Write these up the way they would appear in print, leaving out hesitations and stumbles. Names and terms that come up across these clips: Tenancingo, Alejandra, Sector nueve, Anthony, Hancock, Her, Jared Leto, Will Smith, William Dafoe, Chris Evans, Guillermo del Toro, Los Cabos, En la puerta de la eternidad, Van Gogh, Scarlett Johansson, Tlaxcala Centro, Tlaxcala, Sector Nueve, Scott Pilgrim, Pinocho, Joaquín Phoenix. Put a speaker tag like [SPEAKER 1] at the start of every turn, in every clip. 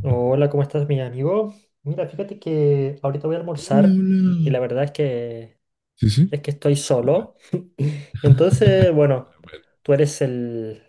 [SPEAKER 1] Hola, ¿cómo estás, mi amigo? Mira, fíjate que ahorita voy a
[SPEAKER 2] Hola,
[SPEAKER 1] almorzar y
[SPEAKER 2] hola.
[SPEAKER 1] la verdad es que
[SPEAKER 2] Sí, sí.
[SPEAKER 1] estoy
[SPEAKER 2] escucha.
[SPEAKER 1] solo. Entonces,
[SPEAKER 2] A
[SPEAKER 1] bueno,
[SPEAKER 2] ver,
[SPEAKER 1] tú eres el,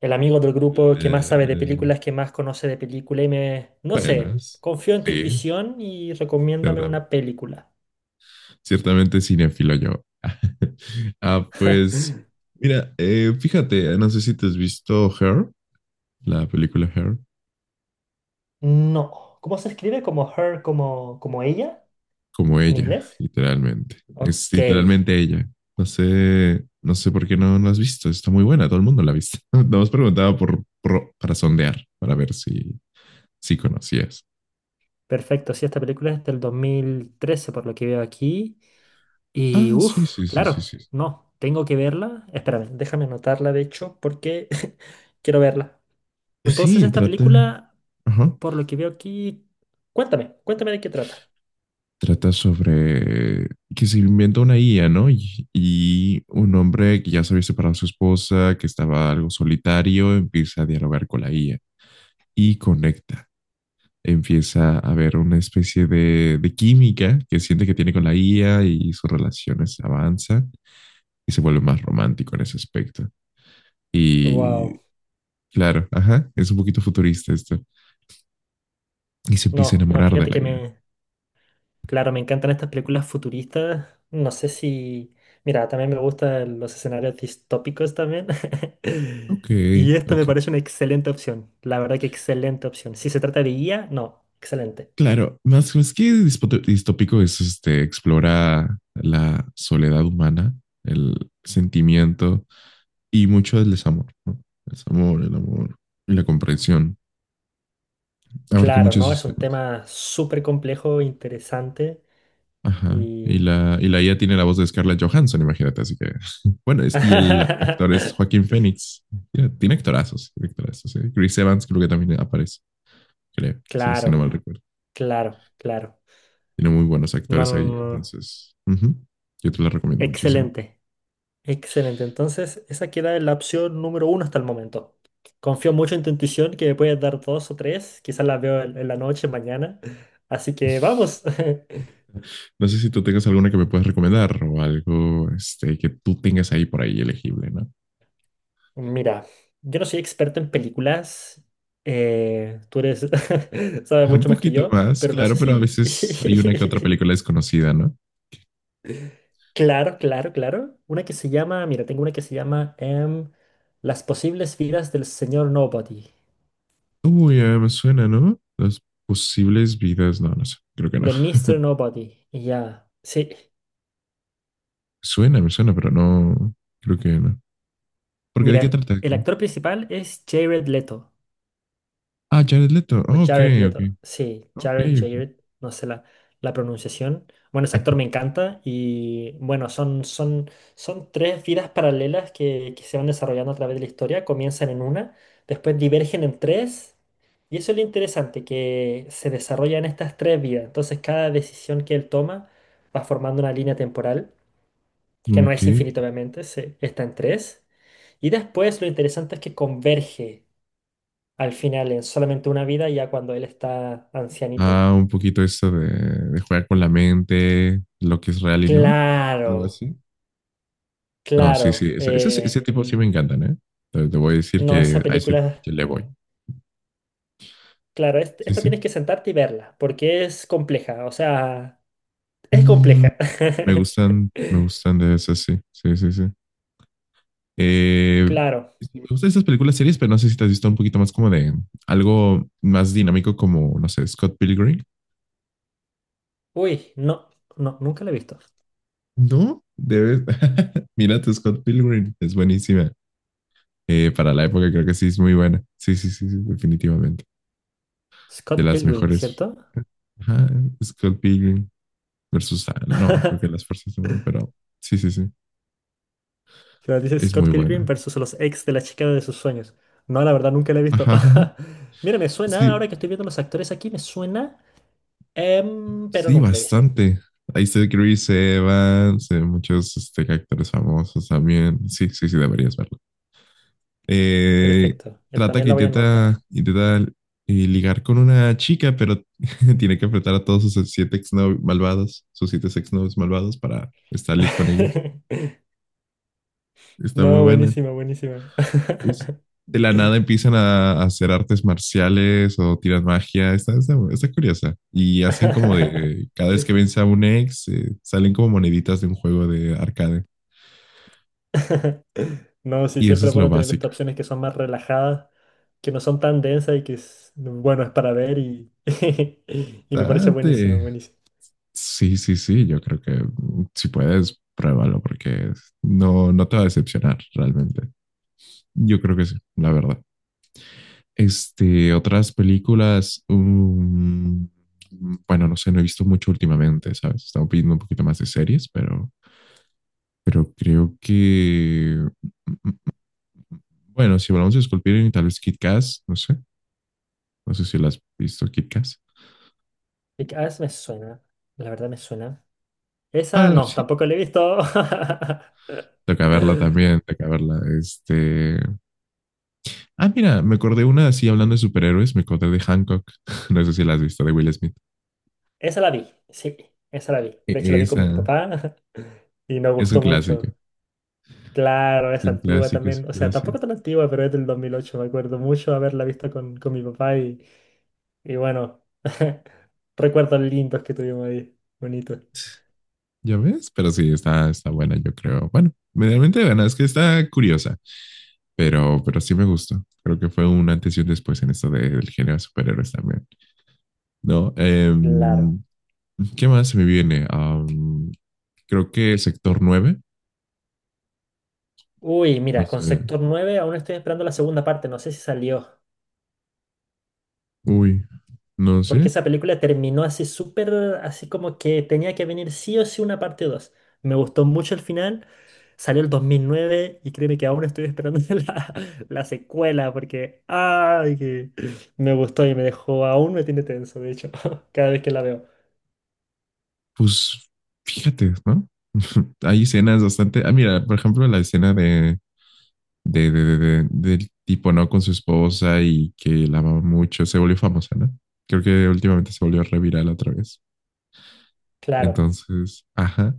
[SPEAKER 1] el amigo del
[SPEAKER 2] el,
[SPEAKER 1] grupo que más sabe de
[SPEAKER 2] eh,
[SPEAKER 1] películas, que más conoce de película y me, no sé,
[SPEAKER 2] buenas.
[SPEAKER 1] confío en tu
[SPEAKER 2] Sí,
[SPEAKER 1] intuición y recomiéndame
[SPEAKER 2] ciertamente,
[SPEAKER 1] una película.
[SPEAKER 2] ciertamente cinéfilo yo. Ah, pues, mira, fíjate, no sé si te has visto Her, la película Her,
[SPEAKER 1] No. ¿Cómo se escribe? ¿Como her, como, como ella
[SPEAKER 2] como
[SPEAKER 1] en
[SPEAKER 2] ella,
[SPEAKER 1] inglés?
[SPEAKER 2] literalmente. Es
[SPEAKER 1] Ok.
[SPEAKER 2] literalmente ella. No sé por qué no la has visto. Está muy buena, todo el mundo la ha visto. Nos preguntaba para sondear, para ver si conocías.
[SPEAKER 1] Perfecto, sí, esta película es del 2013, por lo que veo aquí. Y
[SPEAKER 2] Ah, sí,
[SPEAKER 1] uff,
[SPEAKER 2] sí, sí, sí,
[SPEAKER 1] claro,
[SPEAKER 2] sí.
[SPEAKER 1] no, tengo que verla. Espérame, déjame anotarla de hecho porque quiero verla.
[SPEAKER 2] Pues
[SPEAKER 1] Entonces,
[SPEAKER 2] sí,
[SPEAKER 1] esta película,
[SPEAKER 2] ajá,
[SPEAKER 1] por lo que veo aquí, cuéntame, cuéntame de qué trata.
[SPEAKER 2] trata sobre que se inventa una IA, ¿no? Y un hombre que ya se había separado de su esposa, que estaba algo solitario, empieza a dialogar con la IA y conecta. Empieza a haber una especie de química que siente que tiene con la IA y sus relaciones avanzan y se vuelve más romántico en ese aspecto. Y
[SPEAKER 1] Wow,
[SPEAKER 2] claro, ajá, es un poquito futurista esto. Y se empieza a
[SPEAKER 1] no, no,
[SPEAKER 2] enamorar de
[SPEAKER 1] fíjate
[SPEAKER 2] la
[SPEAKER 1] que
[SPEAKER 2] IA.
[SPEAKER 1] me... Claro, me encantan estas películas futuristas. No sé si... Mira, también me gustan los escenarios distópicos también.
[SPEAKER 2] Ok,
[SPEAKER 1] Y esta me
[SPEAKER 2] ok.
[SPEAKER 1] parece una excelente opción. La verdad que excelente opción. Si se trata de guía, no, excelente.
[SPEAKER 2] Claro, más que distópico es este, explora la soledad humana, el sentimiento y mucho del desamor, ¿no? El desamor, el amor y la comprensión. Abarca
[SPEAKER 1] Claro,
[SPEAKER 2] muchos
[SPEAKER 1] no,
[SPEAKER 2] esos
[SPEAKER 1] es un
[SPEAKER 2] temas.
[SPEAKER 1] tema súper complejo, interesante
[SPEAKER 2] Ajá.
[SPEAKER 1] y...
[SPEAKER 2] Y la IA tiene la voz de Scarlett Johansson, imagínate, así que. Bueno, y el actor es Joaquín Phoenix. Mira, tiene actorazos, ¿eh? Chris Evans creo que también aparece. Creo, si no
[SPEAKER 1] Claro,
[SPEAKER 2] mal recuerdo.
[SPEAKER 1] claro, claro.
[SPEAKER 2] Tiene muy buenos
[SPEAKER 1] No,
[SPEAKER 2] actores
[SPEAKER 1] no,
[SPEAKER 2] ahí,
[SPEAKER 1] no, no.
[SPEAKER 2] entonces ujú, yo te la recomiendo muchísimo.
[SPEAKER 1] Excelente. Excelente, entonces esa queda en la opción número uno hasta el momento. Confío mucho en tu intuición que me puedes dar dos o tres, quizás las veo en la noche, mañana. Así que vamos.
[SPEAKER 2] No sé si tú tengas alguna que me puedas recomendar o algo este, que tú tengas ahí por ahí elegible, ¿no?
[SPEAKER 1] Mira, yo no soy experto en películas, tú eres, sabes
[SPEAKER 2] Un
[SPEAKER 1] mucho más que
[SPEAKER 2] poquito
[SPEAKER 1] yo,
[SPEAKER 2] más,
[SPEAKER 1] pero no
[SPEAKER 2] claro,
[SPEAKER 1] sé
[SPEAKER 2] pero a
[SPEAKER 1] si...
[SPEAKER 2] veces hay una que otra película desconocida, ¿no?
[SPEAKER 1] Claro, claro, claro. Una que se llama, mira, tengo una que se llama Las posibles vidas del señor Nobody,
[SPEAKER 2] Uy, me suena, ¿no? Las posibles vidas, no, no sé, creo que no.
[SPEAKER 1] de Mr. Nobody. Y ya, sí.
[SPEAKER 2] Suena, me suena, pero no, creo que no. ¿Porque de qué
[SPEAKER 1] Mira,
[SPEAKER 2] trata?
[SPEAKER 1] el actor principal es Jared Leto,
[SPEAKER 2] Ah, Jared Leto.
[SPEAKER 1] o
[SPEAKER 2] Ah, ok,
[SPEAKER 1] Jared
[SPEAKER 2] ok.
[SPEAKER 1] Leto, sí,
[SPEAKER 2] Ok,
[SPEAKER 1] Jared,
[SPEAKER 2] ok.
[SPEAKER 1] Jared, no sé la, la pronunciación. Bueno, ese actor me encanta y bueno, son tres vidas paralelas que se van desarrollando a través de la historia, comienzan en una, después divergen en tres y eso es lo interesante, que se desarrollan estas tres vidas, entonces cada decisión que él toma va formando una línea temporal, que no
[SPEAKER 2] Ok.
[SPEAKER 1] es infinita obviamente, se, está en tres y después lo interesante es que converge al final en solamente una vida, ya cuando él está ancianito.
[SPEAKER 2] Ah, un poquito eso de jugar con la mente, lo que es real y no. Algo
[SPEAKER 1] Claro,
[SPEAKER 2] así. No, sí, sí.
[SPEAKER 1] claro.
[SPEAKER 2] Ese tipo sí me encantan, ¿eh? Te voy a decir
[SPEAKER 1] No,
[SPEAKER 2] que
[SPEAKER 1] esa
[SPEAKER 2] a ese
[SPEAKER 1] película,
[SPEAKER 2] que le voy.
[SPEAKER 1] claro,
[SPEAKER 2] Sí,
[SPEAKER 1] esta
[SPEAKER 2] sí.
[SPEAKER 1] tienes que sentarte y verla, porque es compleja, o sea, es
[SPEAKER 2] Mm,
[SPEAKER 1] compleja.
[SPEAKER 2] me gustan de esas, sí. Sí, sí, sí. Eh,
[SPEAKER 1] Claro.
[SPEAKER 2] sí, me gustan esas películas series, pero no sé si te has visto un poquito más como de algo más dinámico como, no sé, Scott Pilgrim.
[SPEAKER 1] Uy, no, no, nunca la he visto.
[SPEAKER 2] No, debes. Mírate, Scott Pilgrim. Es buenísima. Para la época creo que sí es muy buena. Sí, sí, sí, sí, definitivamente. De
[SPEAKER 1] Scott
[SPEAKER 2] las
[SPEAKER 1] Pilgrim,
[SPEAKER 2] mejores.
[SPEAKER 1] ¿cierto?
[SPEAKER 2] Ajá, Scott Pilgrim versus... ah, no, creo que las fuerzas de mal, pero sí, sí, sí.
[SPEAKER 1] Claro, dice
[SPEAKER 2] Es muy
[SPEAKER 1] Scott Pilgrim
[SPEAKER 2] buena.
[SPEAKER 1] versus los ex de la chica de sus sueños. No, la verdad, nunca la he visto.
[SPEAKER 2] Ajá, ajá, ajá.
[SPEAKER 1] Mira, me suena,
[SPEAKER 2] Sí,
[SPEAKER 1] ahora que estoy viendo los actores aquí, me suena, pero
[SPEAKER 2] sí,
[SPEAKER 1] nunca la he visto.
[SPEAKER 2] bastante. Ahí está Chris Evans, muchos este, actores famosos también. Sí, sí, sí, deberías verla. Eh,
[SPEAKER 1] Perfecto. Yo
[SPEAKER 2] trata
[SPEAKER 1] también
[SPEAKER 2] que
[SPEAKER 1] la voy a anotar.
[SPEAKER 2] intenta ligar con una chica, pero tiene que enfrentar a todos sus siete exnovios malvados, sus siete exnovios malvados para salir con ella. Está muy
[SPEAKER 1] No,
[SPEAKER 2] buena.
[SPEAKER 1] buenísima, buenísima.
[SPEAKER 2] Us- De la nada empiezan a hacer artes marciales o tiran magia. Está curiosa. Y hacen como de, cada vez que vence a un ex, salen como moneditas de un juego de arcade.
[SPEAKER 1] No, sí,
[SPEAKER 2] Y eso
[SPEAKER 1] siempre
[SPEAKER 2] es
[SPEAKER 1] es
[SPEAKER 2] lo
[SPEAKER 1] bueno tener
[SPEAKER 2] básico.
[SPEAKER 1] estas opciones que son más relajadas, que no son tan densas y que es, bueno, es para ver y, y me parece buenísimo,
[SPEAKER 2] Bastante,
[SPEAKER 1] buenísimo.
[SPEAKER 2] sí, sí, sí, yo creo que mm, si puedes, pruébalo porque no te va a decepcionar realmente. Yo creo que sí, la verdad. Este, otras películas, bueno, no sé, no he visto mucho últimamente, ¿sabes? Estaba pidiendo un poquito más de series, pero creo que, mm, mm, bueno, si hablamos de Sculpting, tal vez Kit Kat, no sé, no sé si la has visto Kit Kat.
[SPEAKER 1] Y que a veces me suena, la verdad me suena. Esa
[SPEAKER 2] Ah,
[SPEAKER 1] no,
[SPEAKER 2] sí,
[SPEAKER 1] tampoco la he visto.
[SPEAKER 2] toca verla también, toca verla, este... Ah, mira, me acordé una así hablando de superhéroes, me acordé de Hancock. No sé si la has visto, de Will Smith.
[SPEAKER 1] Esa la vi, sí, esa la vi. De hecho la vi con mi
[SPEAKER 2] Esa
[SPEAKER 1] papá y nos
[SPEAKER 2] es un
[SPEAKER 1] gustó
[SPEAKER 2] clásico.
[SPEAKER 1] mucho. Claro,
[SPEAKER 2] Es
[SPEAKER 1] es
[SPEAKER 2] un
[SPEAKER 1] antigua
[SPEAKER 2] clásico, es
[SPEAKER 1] también. O
[SPEAKER 2] un
[SPEAKER 1] sea,
[SPEAKER 2] clásico.
[SPEAKER 1] tampoco tan antigua, pero es del dos mil ocho. Me acuerdo mucho haberla visto con mi papá y bueno, recuerdos lindos que tuvimos ahí. Bonito.
[SPEAKER 2] ¿Ya ves? Pero sí, está buena, yo creo. Bueno, medianamente buena, es que está curiosa, pero sí me gustó. Creo que fue un antes y un después en esto del género de superhéroes también. No,
[SPEAKER 1] Claro.
[SPEAKER 2] em, ¿qué más se me viene? Am, creo que Sector Nueve,
[SPEAKER 1] Uy,
[SPEAKER 2] no
[SPEAKER 1] mira,
[SPEAKER 2] sé.
[SPEAKER 1] con Sector nueve, aún estoy esperando la segunda parte. No sé si salió.
[SPEAKER 2] Uy, no
[SPEAKER 1] Porque
[SPEAKER 2] sé.
[SPEAKER 1] esa película terminó así súper, así como que tenía que venir sí o sí una parte dos. Me gustó mucho el final. Salió el 2009 y créeme que aún estoy esperando la, la secuela porque ay, que me gustó y me dejó, aún me tiene tenso, de hecho, cada vez que la veo.
[SPEAKER 2] Pues fíjate, ¿no? Hay escenas bastante. Ah, mira, por ejemplo, la escena del tipo, ¿no? Con su esposa y que la amaba mucho, se volvió famosa, ¿no? Creo que últimamente se volvió reviral otra vez.
[SPEAKER 1] Claro,
[SPEAKER 2] Entonces, ajá.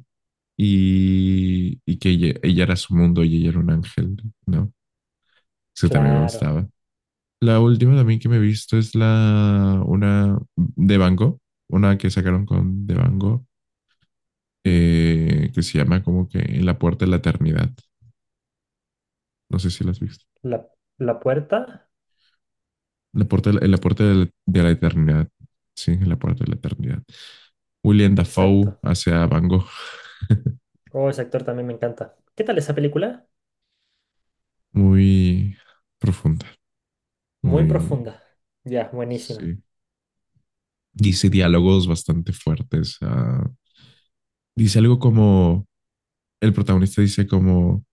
[SPEAKER 2] Y que ella era su mundo y ella era un ángel, ¿no? Eso también me
[SPEAKER 1] claro.
[SPEAKER 2] gustaba. La última también que me he visto es la, una de Van Gogh, una que sacaron con de Van Gogh que se llama como que En la puerta de la eternidad. No sé si la has visto.
[SPEAKER 1] La, la puerta,
[SPEAKER 2] La puerta, en la puerta de la eternidad. Sí, en la puerta de la eternidad. William Dafoe
[SPEAKER 1] exacto.
[SPEAKER 2] hacia Van Gogh.
[SPEAKER 1] Oh, ese actor también me encanta. ¿Qué tal esa película?
[SPEAKER 2] Muy profunda,
[SPEAKER 1] Muy
[SPEAKER 2] muy...
[SPEAKER 1] profunda. Ya, buenísima.
[SPEAKER 2] Sí. Dice diálogos bastante fuertes. Ah, dice algo como... El protagonista dice como...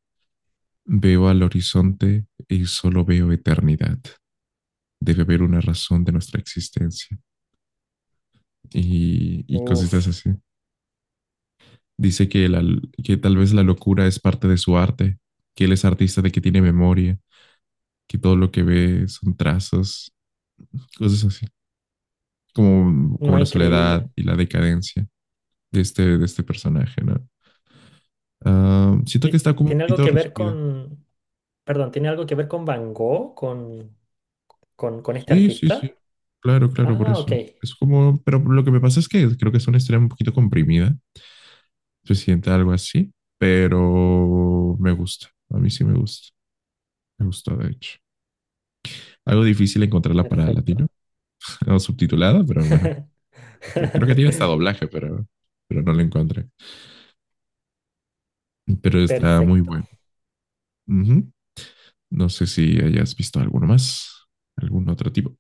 [SPEAKER 2] Veo al horizonte y solo veo eternidad. Debe haber una razón de nuestra existencia. Y cositas
[SPEAKER 1] Uf,
[SPEAKER 2] así. Dice que tal vez la locura es parte de su arte, que él es artista de que tiene memoria, que todo lo que ve son trazos, cosas así, como
[SPEAKER 1] no,
[SPEAKER 2] la soledad
[SPEAKER 1] increíble.
[SPEAKER 2] y la decadencia de este personaje, ¿no? Ah, siento que está como un
[SPEAKER 1] ¿Tiene algo
[SPEAKER 2] poquito
[SPEAKER 1] que ver
[SPEAKER 2] resumida.
[SPEAKER 1] con... Perdón, ¿tiene algo que ver con Van Gogh, con este
[SPEAKER 2] Sí, sí, sí.
[SPEAKER 1] artista?
[SPEAKER 2] Claro, claro, por
[SPEAKER 1] Ah, ok.
[SPEAKER 2] eso. Es como, pero lo que me pasa es que creo que es una historia un poquito comprimida, se siente algo así, pero me gusta, a mí sí me gusta, me gustó de hecho. Algo difícil encontrarla para latino.
[SPEAKER 1] Perfecto.
[SPEAKER 2] O subtitulada, pero bueno, creo que tiene hasta doblaje, pero no lo encontré. Pero está muy
[SPEAKER 1] Perfecto.
[SPEAKER 2] bueno. Uh -huh. No sé si hayas visto alguno más, algún otro tipo.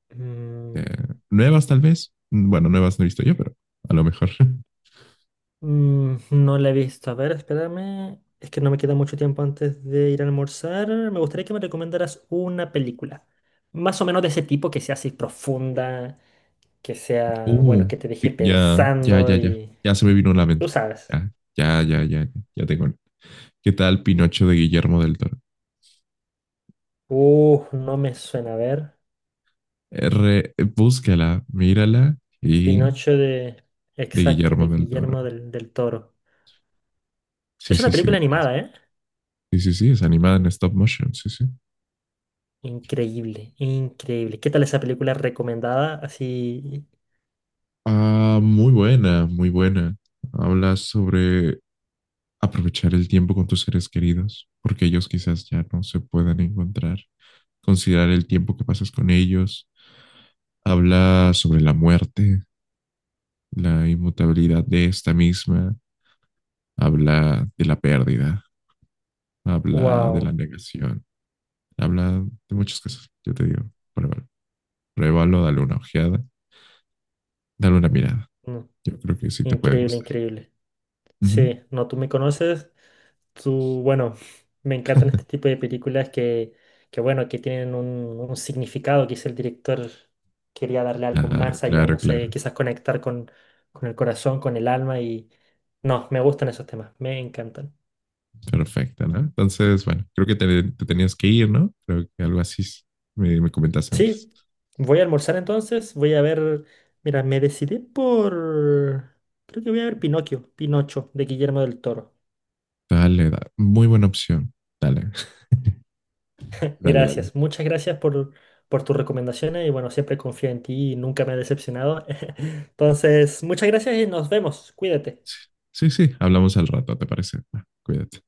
[SPEAKER 2] Eh,
[SPEAKER 1] Mm,
[SPEAKER 2] nuevas tal vez. Bueno, nuevas no he visto yo, pero a lo mejor.
[SPEAKER 1] no la he visto. A ver, espérame. Es que no me queda mucho tiempo antes de ir a almorzar. Me gustaría que me recomendaras una película. Más o menos de ese tipo, que sea así profunda, que sea, bueno,
[SPEAKER 2] Uh,
[SPEAKER 1] que te deje pensando
[SPEAKER 2] ya.
[SPEAKER 1] y...
[SPEAKER 2] Ya se me vino a la
[SPEAKER 1] Tú
[SPEAKER 2] mente.
[SPEAKER 1] sabes.
[SPEAKER 2] Ya tengo. ¿Qué tal Pinocho de Guillermo del Toro?
[SPEAKER 1] No me suena. A ver.
[SPEAKER 2] R, búscala, mírala y
[SPEAKER 1] Pinocho de...
[SPEAKER 2] de
[SPEAKER 1] Exacto,
[SPEAKER 2] Guillermo
[SPEAKER 1] de
[SPEAKER 2] del Toro.
[SPEAKER 1] Guillermo del, del Toro.
[SPEAKER 2] Sí,
[SPEAKER 1] Es una
[SPEAKER 2] sí, sí,
[SPEAKER 1] película
[SPEAKER 2] debería.
[SPEAKER 1] animada, ¿eh?
[SPEAKER 2] Sí, sí, sí, es animada en stop motion, sí, sí.
[SPEAKER 1] Increíble, increíble. ¿Qué tal esa película recomendada? Así,
[SPEAKER 2] Ah, muy buena, muy buena. Habla sobre aprovechar el tiempo con tus seres queridos, porque ellos quizás ya no se puedan encontrar. Considerar el tiempo que pasas con ellos. Habla sobre la muerte, la inmutabilidad de esta misma. Habla de la pérdida, habla de la
[SPEAKER 1] wow.
[SPEAKER 2] negación, habla de muchas cosas. Yo te digo, pruébalo, pruébalo, dale una ojeada, dale una mirada.
[SPEAKER 1] Mm,
[SPEAKER 2] Yo creo que sí te puede
[SPEAKER 1] increíble,
[SPEAKER 2] gustar.
[SPEAKER 1] increíble.
[SPEAKER 2] Ujú.
[SPEAKER 1] Sí, no, tú me conoces. Tú, bueno, me encantan este tipo de películas que bueno, que tienen un significado. Quizá el director quería darle algo
[SPEAKER 2] Claro,
[SPEAKER 1] más allá, no
[SPEAKER 2] claro, claro.
[SPEAKER 1] sé, quizás conectar con el corazón, con el alma y... No, me gustan esos temas, me encantan.
[SPEAKER 2] Perfecto, ¿no? Entonces, bueno, creo que te tenías que ir, ¿no? Creo que algo así me comentaste antes.
[SPEAKER 1] Sí, voy a almorzar entonces, voy a ver, mira, me decidí por, creo que voy a ver Pinocchio, Pinocho, de Guillermo del Toro.
[SPEAKER 2] Dale, muy buena opción. Dale, dale, dale.
[SPEAKER 1] Gracias, muchas gracias por tus recomendaciones y bueno, siempre confío en ti y nunca me he decepcionado. Entonces, muchas gracias y nos vemos, cuídate.
[SPEAKER 2] Sí, sí, sí, hablamos al rato, ¿te parece? Va, cuídate.